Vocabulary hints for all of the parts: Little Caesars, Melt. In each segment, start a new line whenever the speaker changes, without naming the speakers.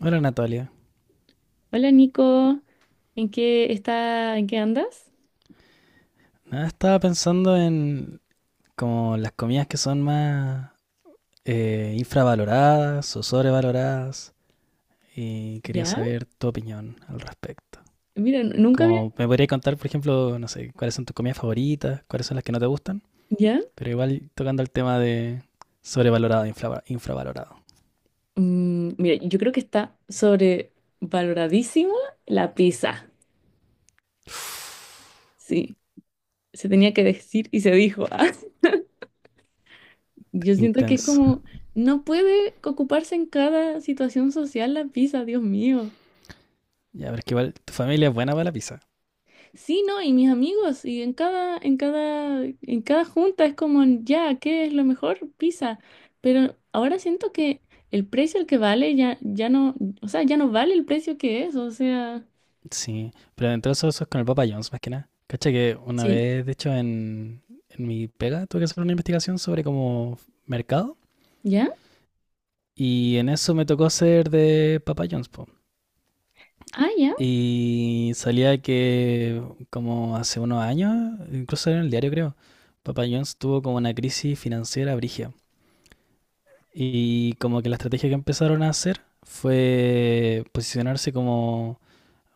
Hola Natalia.
Hola Nico, ¿en qué está, en qué andas?
Nada, estaba pensando en como las comidas que son más infravaloradas o sobrevaloradas y quería
¿Ya?
saber tu opinión al respecto.
Mira, nunca había...
Como me podría contar, por ejemplo, no sé, cuáles son tus comidas favoritas, cuáles son las que no te gustan,
¿Ya?
pero igual tocando el tema de sobrevalorado, infravalorado,
Mira, yo creo que está sobrevaloradísima la pizza. Sí, se tenía que decir y se dijo. Ah, yo siento que es
intenso.
como, no puede ocuparse en cada situación social la pizza, Dios mío.
Ya, pero es que igual tu familia es buena para la pizza.
Sí, ¿no? Y mis amigos, y en cada, en cada junta es como, ya, ¿qué es lo mejor? Pizza. Pero ahora siento que el precio al que vale ya, ya no, o sea, ya no vale el precio que es, o sea,
Sí, pero entre eso, eso es con el Papa John's más que nada. Cacha que una
sí,
vez, de hecho, en mi pega tuve que hacer una investigación sobre como mercado
¿ya?
y en eso me tocó ser de Papa John's, po.
Ah, ya,
Y salía que como hace unos años, incluso en el diario creo, Papa John's tuvo como una crisis financiera brígida. Y como que la estrategia que empezaron a hacer fue posicionarse como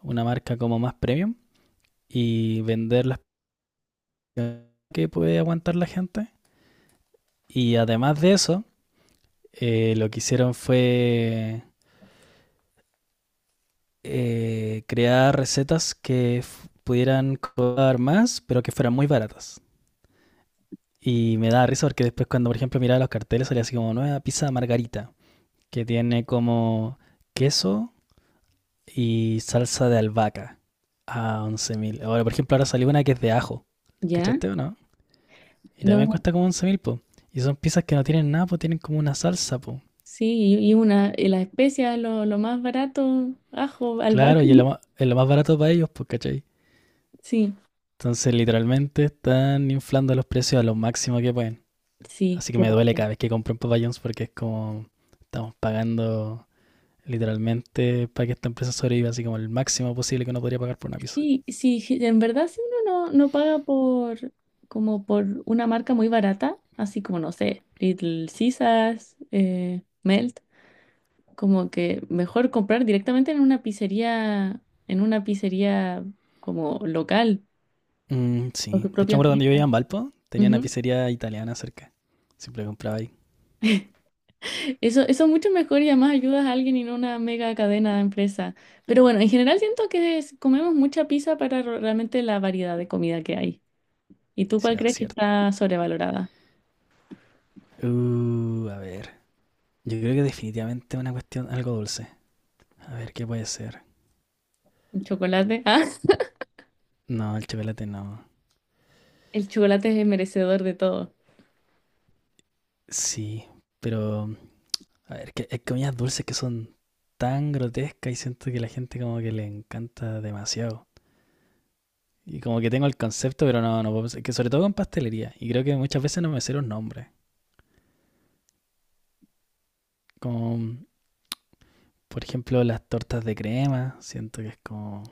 una marca como más premium y vender las que puede aguantar la gente. Y además de eso, lo que hicieron fue crear recetas que pudieran cobrar más, pero que fueran muy baratas. Y me da risa porque después cuando, por ejemplo, miraba los carteles salía así como nueva pizza margarita, que tiene como queso y salsa de albahaca a 11.000. Ahora, por ejemplo, ahora salió una que es de ajo.
ya.
¿Cachaste o no? Y
No,
también
no,
cuesta como 11.000 po. Y son pizzas que no tienen nada, po, tienen como una salsa, po.
sí, y una, y las especias, lo más barato, ajo,
Claro,
albahaca.
y es lo más barato para ellos, pues, ¿cachai?
Sí,
Entonces, literalmente están inflando los precios a lo máximo que pueden.
sí,
Así que
qué
me duele
raro.
cada vez que compro en Papa John's porque es como estamos pagando literalmente para que esta empresa sobreviva, así como el máximo posible que uno podría pagar por una pizza.
Sí, sí, en verdad si uno no, no paga por como por una marca muy barata, así como no sé, Little Caesars, Melt, como que mejor comprar directamente en una pizzería, en una pizzería como local,
Mm,
con
sí,
sus
de hecho, me
propias
acuerdo cuando yo
pizzas.
vivía en Valpo, tenía una
Ujú.
pizzería italiana cerca. Siempre compraba ahí.
Eso es mucho mejor y además ayudas a alguien y no una mega cadena de empresa. Pero bueno, en general siento que comemos mucha pizza para realmente la variedad de comida que hay. ¿Y tú
Sí,
cuál
es
crees que
cierto.
está sobrevalorada?
A ver. Yo creo que definitivamente una cuestión algo dulce. A ver, ¿qué puede ser?
El chocolate. Ah,
No, el chocolate no.
el chocolate es merecedor de todo.
Sí, pero a ver, que hay comidas dulces que son tan grotescas y siento que la gente como que le encanta demasiado. Y como que tengo el concepto, pero no, no puedo pensar. Que sobre todo con pastelería. Y creo que muchas veces no me sé los nombres. Como, por ejemplo, las tortas de crema. Siento que es como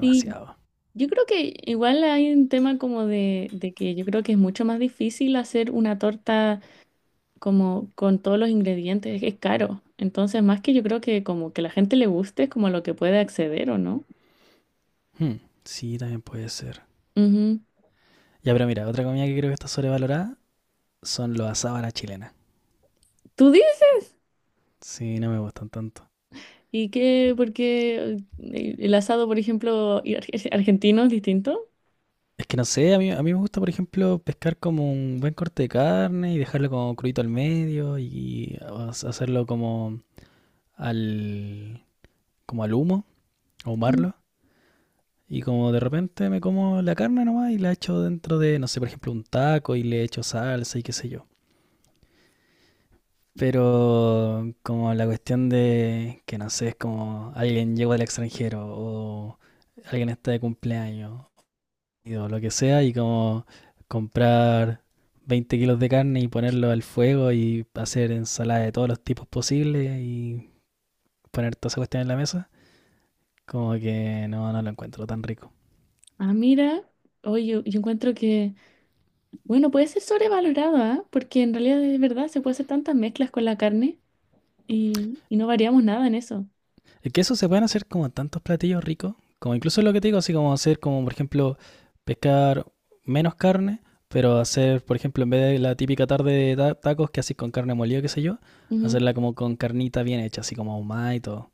Sí, yo creo que igual hay un tema como de que yo creo que es mucho más difícil hacer una torta como con todos los ingredientes, es que es caro. Entonces, más que yo creo que como que la gente le guste es como lo que puede acceder o no.
Hmm, sí, también puede ser.
Ujú.
Ya, pero mira, otra comida que creo que está sobrevalorada son los asados a la chilena.
¿Tú dices?
Sí, no me gustan tanto.
¿Y qué? Porque el asado, por ejemplo, y argentino es distinto.
Es que no sé, a mí me gusta, por ejemplo, pescar como un buen corte de carne y dejarlo como crudito al medio y hacerlo como al, como al humo,
Mm.
ahumarlo. Y como de repente me como la carne nomás y la echo dentro de, no sé, por ejemplo, un taco y le echo salsa y qué sé yo. Pero como la cuestión de que no sé, es como alguien llegó del extranjero o alguien está de cumpleaños o lo que sea, y como comprar 20 kilos de carne y ponerlo al fuego y hacer ensalada de todos los tipos posibles y poner toda esa cuestión en la mesa, como que no, no lo encuentro tan rico.
Ah, mira. Oye, yo encuentro que, bueno, puede ser sobrevalorado, ¿ah? Porque en realidad es verdad, se puede hacer tantas mezclas con la carne y no variamos nada en eso.
Es que eso se pueden hacer como tantos platillos ricos, como incluso lo que te digo, así como hacer como, por ejemplo, pescar menos carne, pero hacer, por ejemplo, en vez de la típica tarde de tacos que haces con carne molida, qué sé yo,
Ujú.
hacerla como con carnita bien hecha, así como ahumada y todo.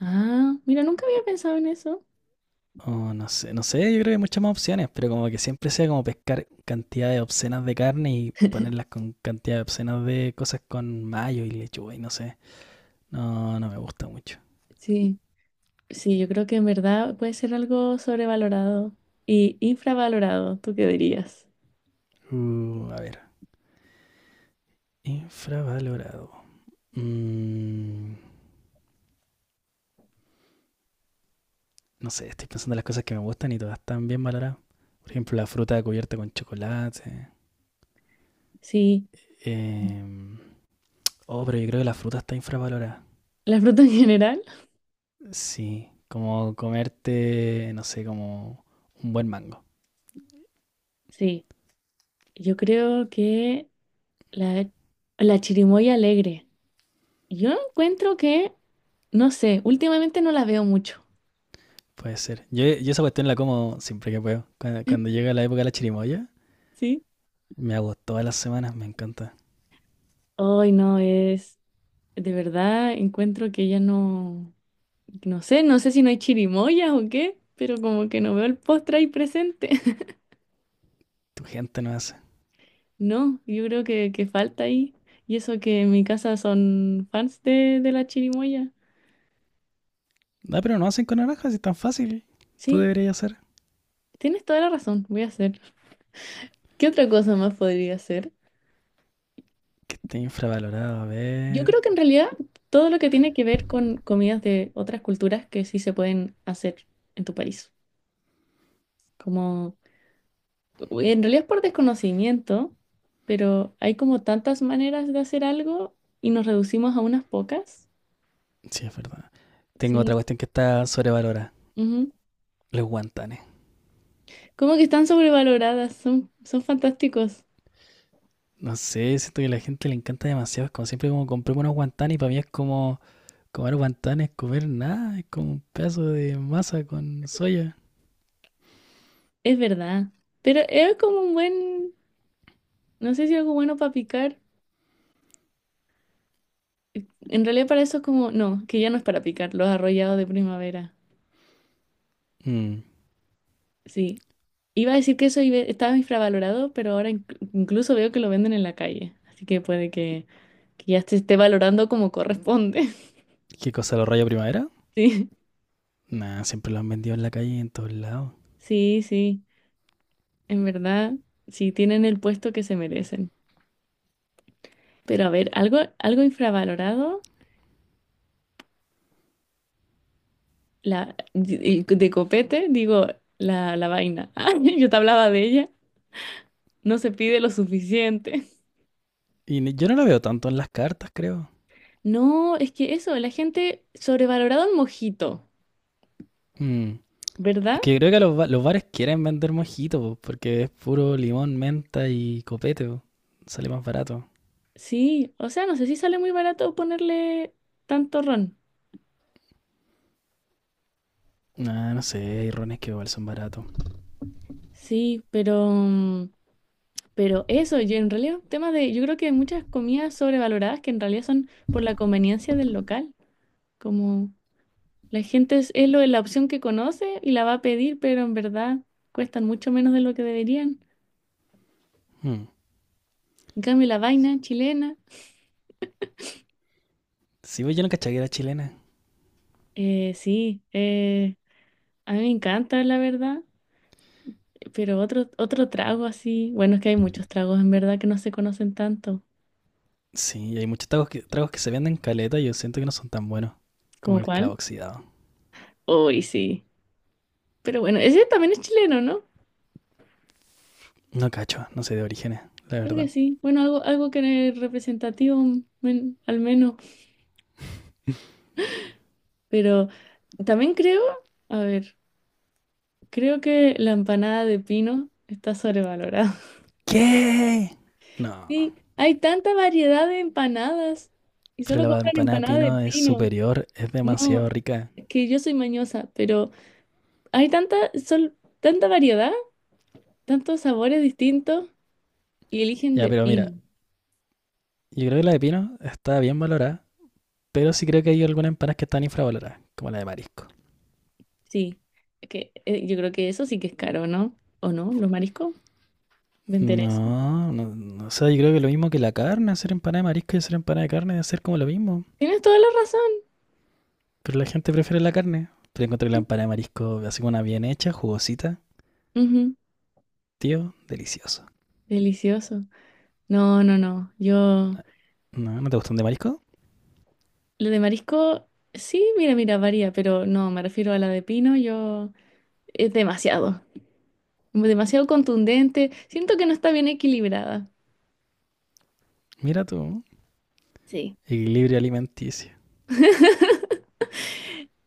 Ah, mira, nunca había pensado en eso.
Oh, no sé, no sé, yo creo que hay muchas más opciones, pero como que siempre sea como pescar cantidades obscenas de carne y ponerlas con cantidades obscenas de cosas con mayo y lechuga y no sé. No, no me gusta mucho.
Sí, sí, yo creo que en verdad puede ser algo sobrevalorado y infravalorado, ¿tú qué dirías?
A ver, infravalorado. Mm, no sé, estoy pensando en las cosas que me gustan y todas están bien valoradas. Por ejemplo, la fruta cubierta con chocolate.
Sí,
Em, oh, pero yo creo que la fruta está infravalorada.
la fruta en general.
Sí, como comerte, no sé, como un buen mango.
Sí, yo creo que la, la chirimoya alegre. Yo encuentro que, no sé, últimamente no la veo mucho.
Puede ser. Yo esa cuestión la como siempre que puedo. Cuando llega la época de la chirimoya,
¿Sí?
me hago todas las semanas, me encanta.
Hoy no es. De verdad encuentro que ya no, no sé, no sé si no hay chirimoyas o qué, pero como que no veo el postre ahí presente.
Tu gente no hace.
No, yo creo que falta ahí. Y eso que en mi casa son fans de la chirimoya.
Ah, pero no hacen con naranjas, es tan fácil. Tú
Sí,
deberías hacer.
tienes toda la razón, voy a hacer. ¿Qué otra cosa más podría hacer?
Que esté infravalorado, a
Yo
ver.
creo que en realidad todo lo que tiene que ver con comidas de otras culturas que sí se pueden hacer en tu país. Como... uy, en realidad es por desconocimiento, pero hay como tantas maneras de hacer algo y nos reducimos a unas pocas.
Sí, es verdad. Tengo otra
Sí.
cuestión que está sobrevalorada.
Ujú.
Los guantanes.
Como que están sobrevaloradas, son, son fantásticos,
No sé, siento que a la gente le encanta demasiado. Es como siempre como compré unos guantanes y para mí es como comer guantanes, comer nada. Es como un pedazo de masa con soya.
es verdad. Pero es como un buen, no sé si algo bueno para picar. En realidad para eso es como, no, que ya no es para picar, los arrollados de primavera.
Mm.
Sí. Iba a decir que eso estaba infravalorado, pero ahora incluso veo que lo venden en la calle. Así que puede que ya se esté valorando como corresponde.
¿Qué cosa, los rayos primavera?
Sí.
Nah, siempre lo han vendido en la calle y en todos lados.
Sí, sí, en verdad, sí tienen el puesto que se merecen. Pero a ver, algo, algo infravalorado, la y de copete, digo, la vaina. Ah, yo te hablaba de ella, no se pide lo suficiente.
Yo no lo veo tanto en las cartas, creo.
No, es que eso, la gente sobrevalorado el mojito,
Mm. Es
¿verdad?
que yo creo que los bares quieren vender mojito, po, porque es puro limón, menta y copete, po. Sale más barato.
Sí, o sea, no sé si sale muy barato ponerle tanto ron.
Nah, no sé, hay rones que igual son baratos.
Sí, pero mm, pero eso, yo en realidad, tema de, yo creo que hay muchas comidas sobrevaloradas que en realidad son por la conveniencia del local. Como la gente es lo de la opción que conoce y la va a pedir, pero en verdad cuestan mucho menos de lo que deberían.
Mm.
En cambio, la vaina chilena,
Sí, pues yo no cachaba que era chilena.
sí, a mí me encanta, la verdad. Pero otro, otro trago así, bueno, es que hay muchos tragos en verdad que no se conocen tanto.
Sí, y hay muchos tragos que se venden caleta y yo siento que no son tan buenos. Como
¿Como
el clavo
cuál?
oxidado.
Uy, sí. Pero bueno, ese también es chileno, ¿no?
No cacho, no sé de orígenes, la
Creo
verdad.
que sí. Bueno, algo, algo que es representativo, al menos. Pero también creo, a ver, creo que la empanada de pino está sobrevalorada.
¿Qué? No,
Sí, hay tanta variedad de empanadas y
pero
solo
la
compran
empanada de
empanada de
pino es
pino.
superior, es demasiado
No,
rica.
es que yo soy mañosa, pero hay tanta, tanta variedad, tantos sabores distintos y eligen
Ya,
de
pero mira,
pino.
yo creo que la de pino está bien valorada, pero sí creo que hay algunas empanadas que están infravaloradas, como la de marisco.
Sí, es que yo creo que eso sí que es caro, ¿no? ¿O no? ¿Los mariscos? ¿Vender eso?
No, no, no, o sea, yo creo que lo mismo que la carne, hacer empanada de marisco y hacer empanada de carne debe ser como lo mismo.
Tienes toda la razón.
Pero la gente prefiere la carne. Pero encontré la
Sí.
empanada de marisco así como una bien hecha, jugosita.
Ujú.
Tío, delicioso.
Delicioso. No, no, no. Yo,
No, ¿no te gustan de marisco?
la de marisco, sí, mira, mira, varía, pero no, me refiero a la de pino, yo, es demasiado, demasiado contundente. Siento que no está bien equilibrada.
Mira tú,
Sí.
equilibrio alimenticio.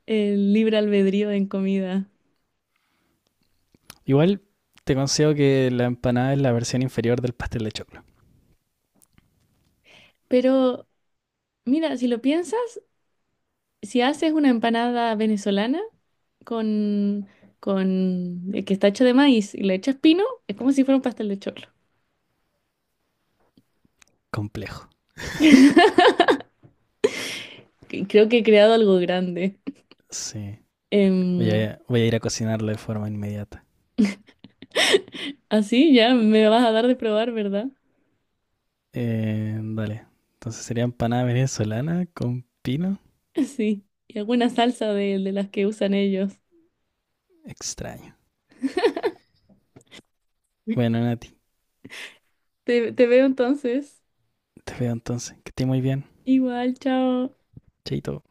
El libre albedrío en comida.
Igual te concedo que la empanada es la versión inferior del pastel de choclo.
Pero, mira, si lo piensas, si haces una empanada venezolana con, que está hecho de maíz y le echas pino, es como si fuera un pastel de choclo.
Complejo.
Creo que he creado algo grande.
Sí.
Em,
Voy a ir a cocinarlo de forma inmediata.
así ya me vas a dar de probar, ¿verdad?
Dale. Entonces sería empanada venezolana con pino.
Sí. Y alguna salsa de las que usan ellos.
Extraño. Bueno, Nati,
Te veo entonces.
te veo entonces. Que estés muy bien.
Igual, chao.
Chaito.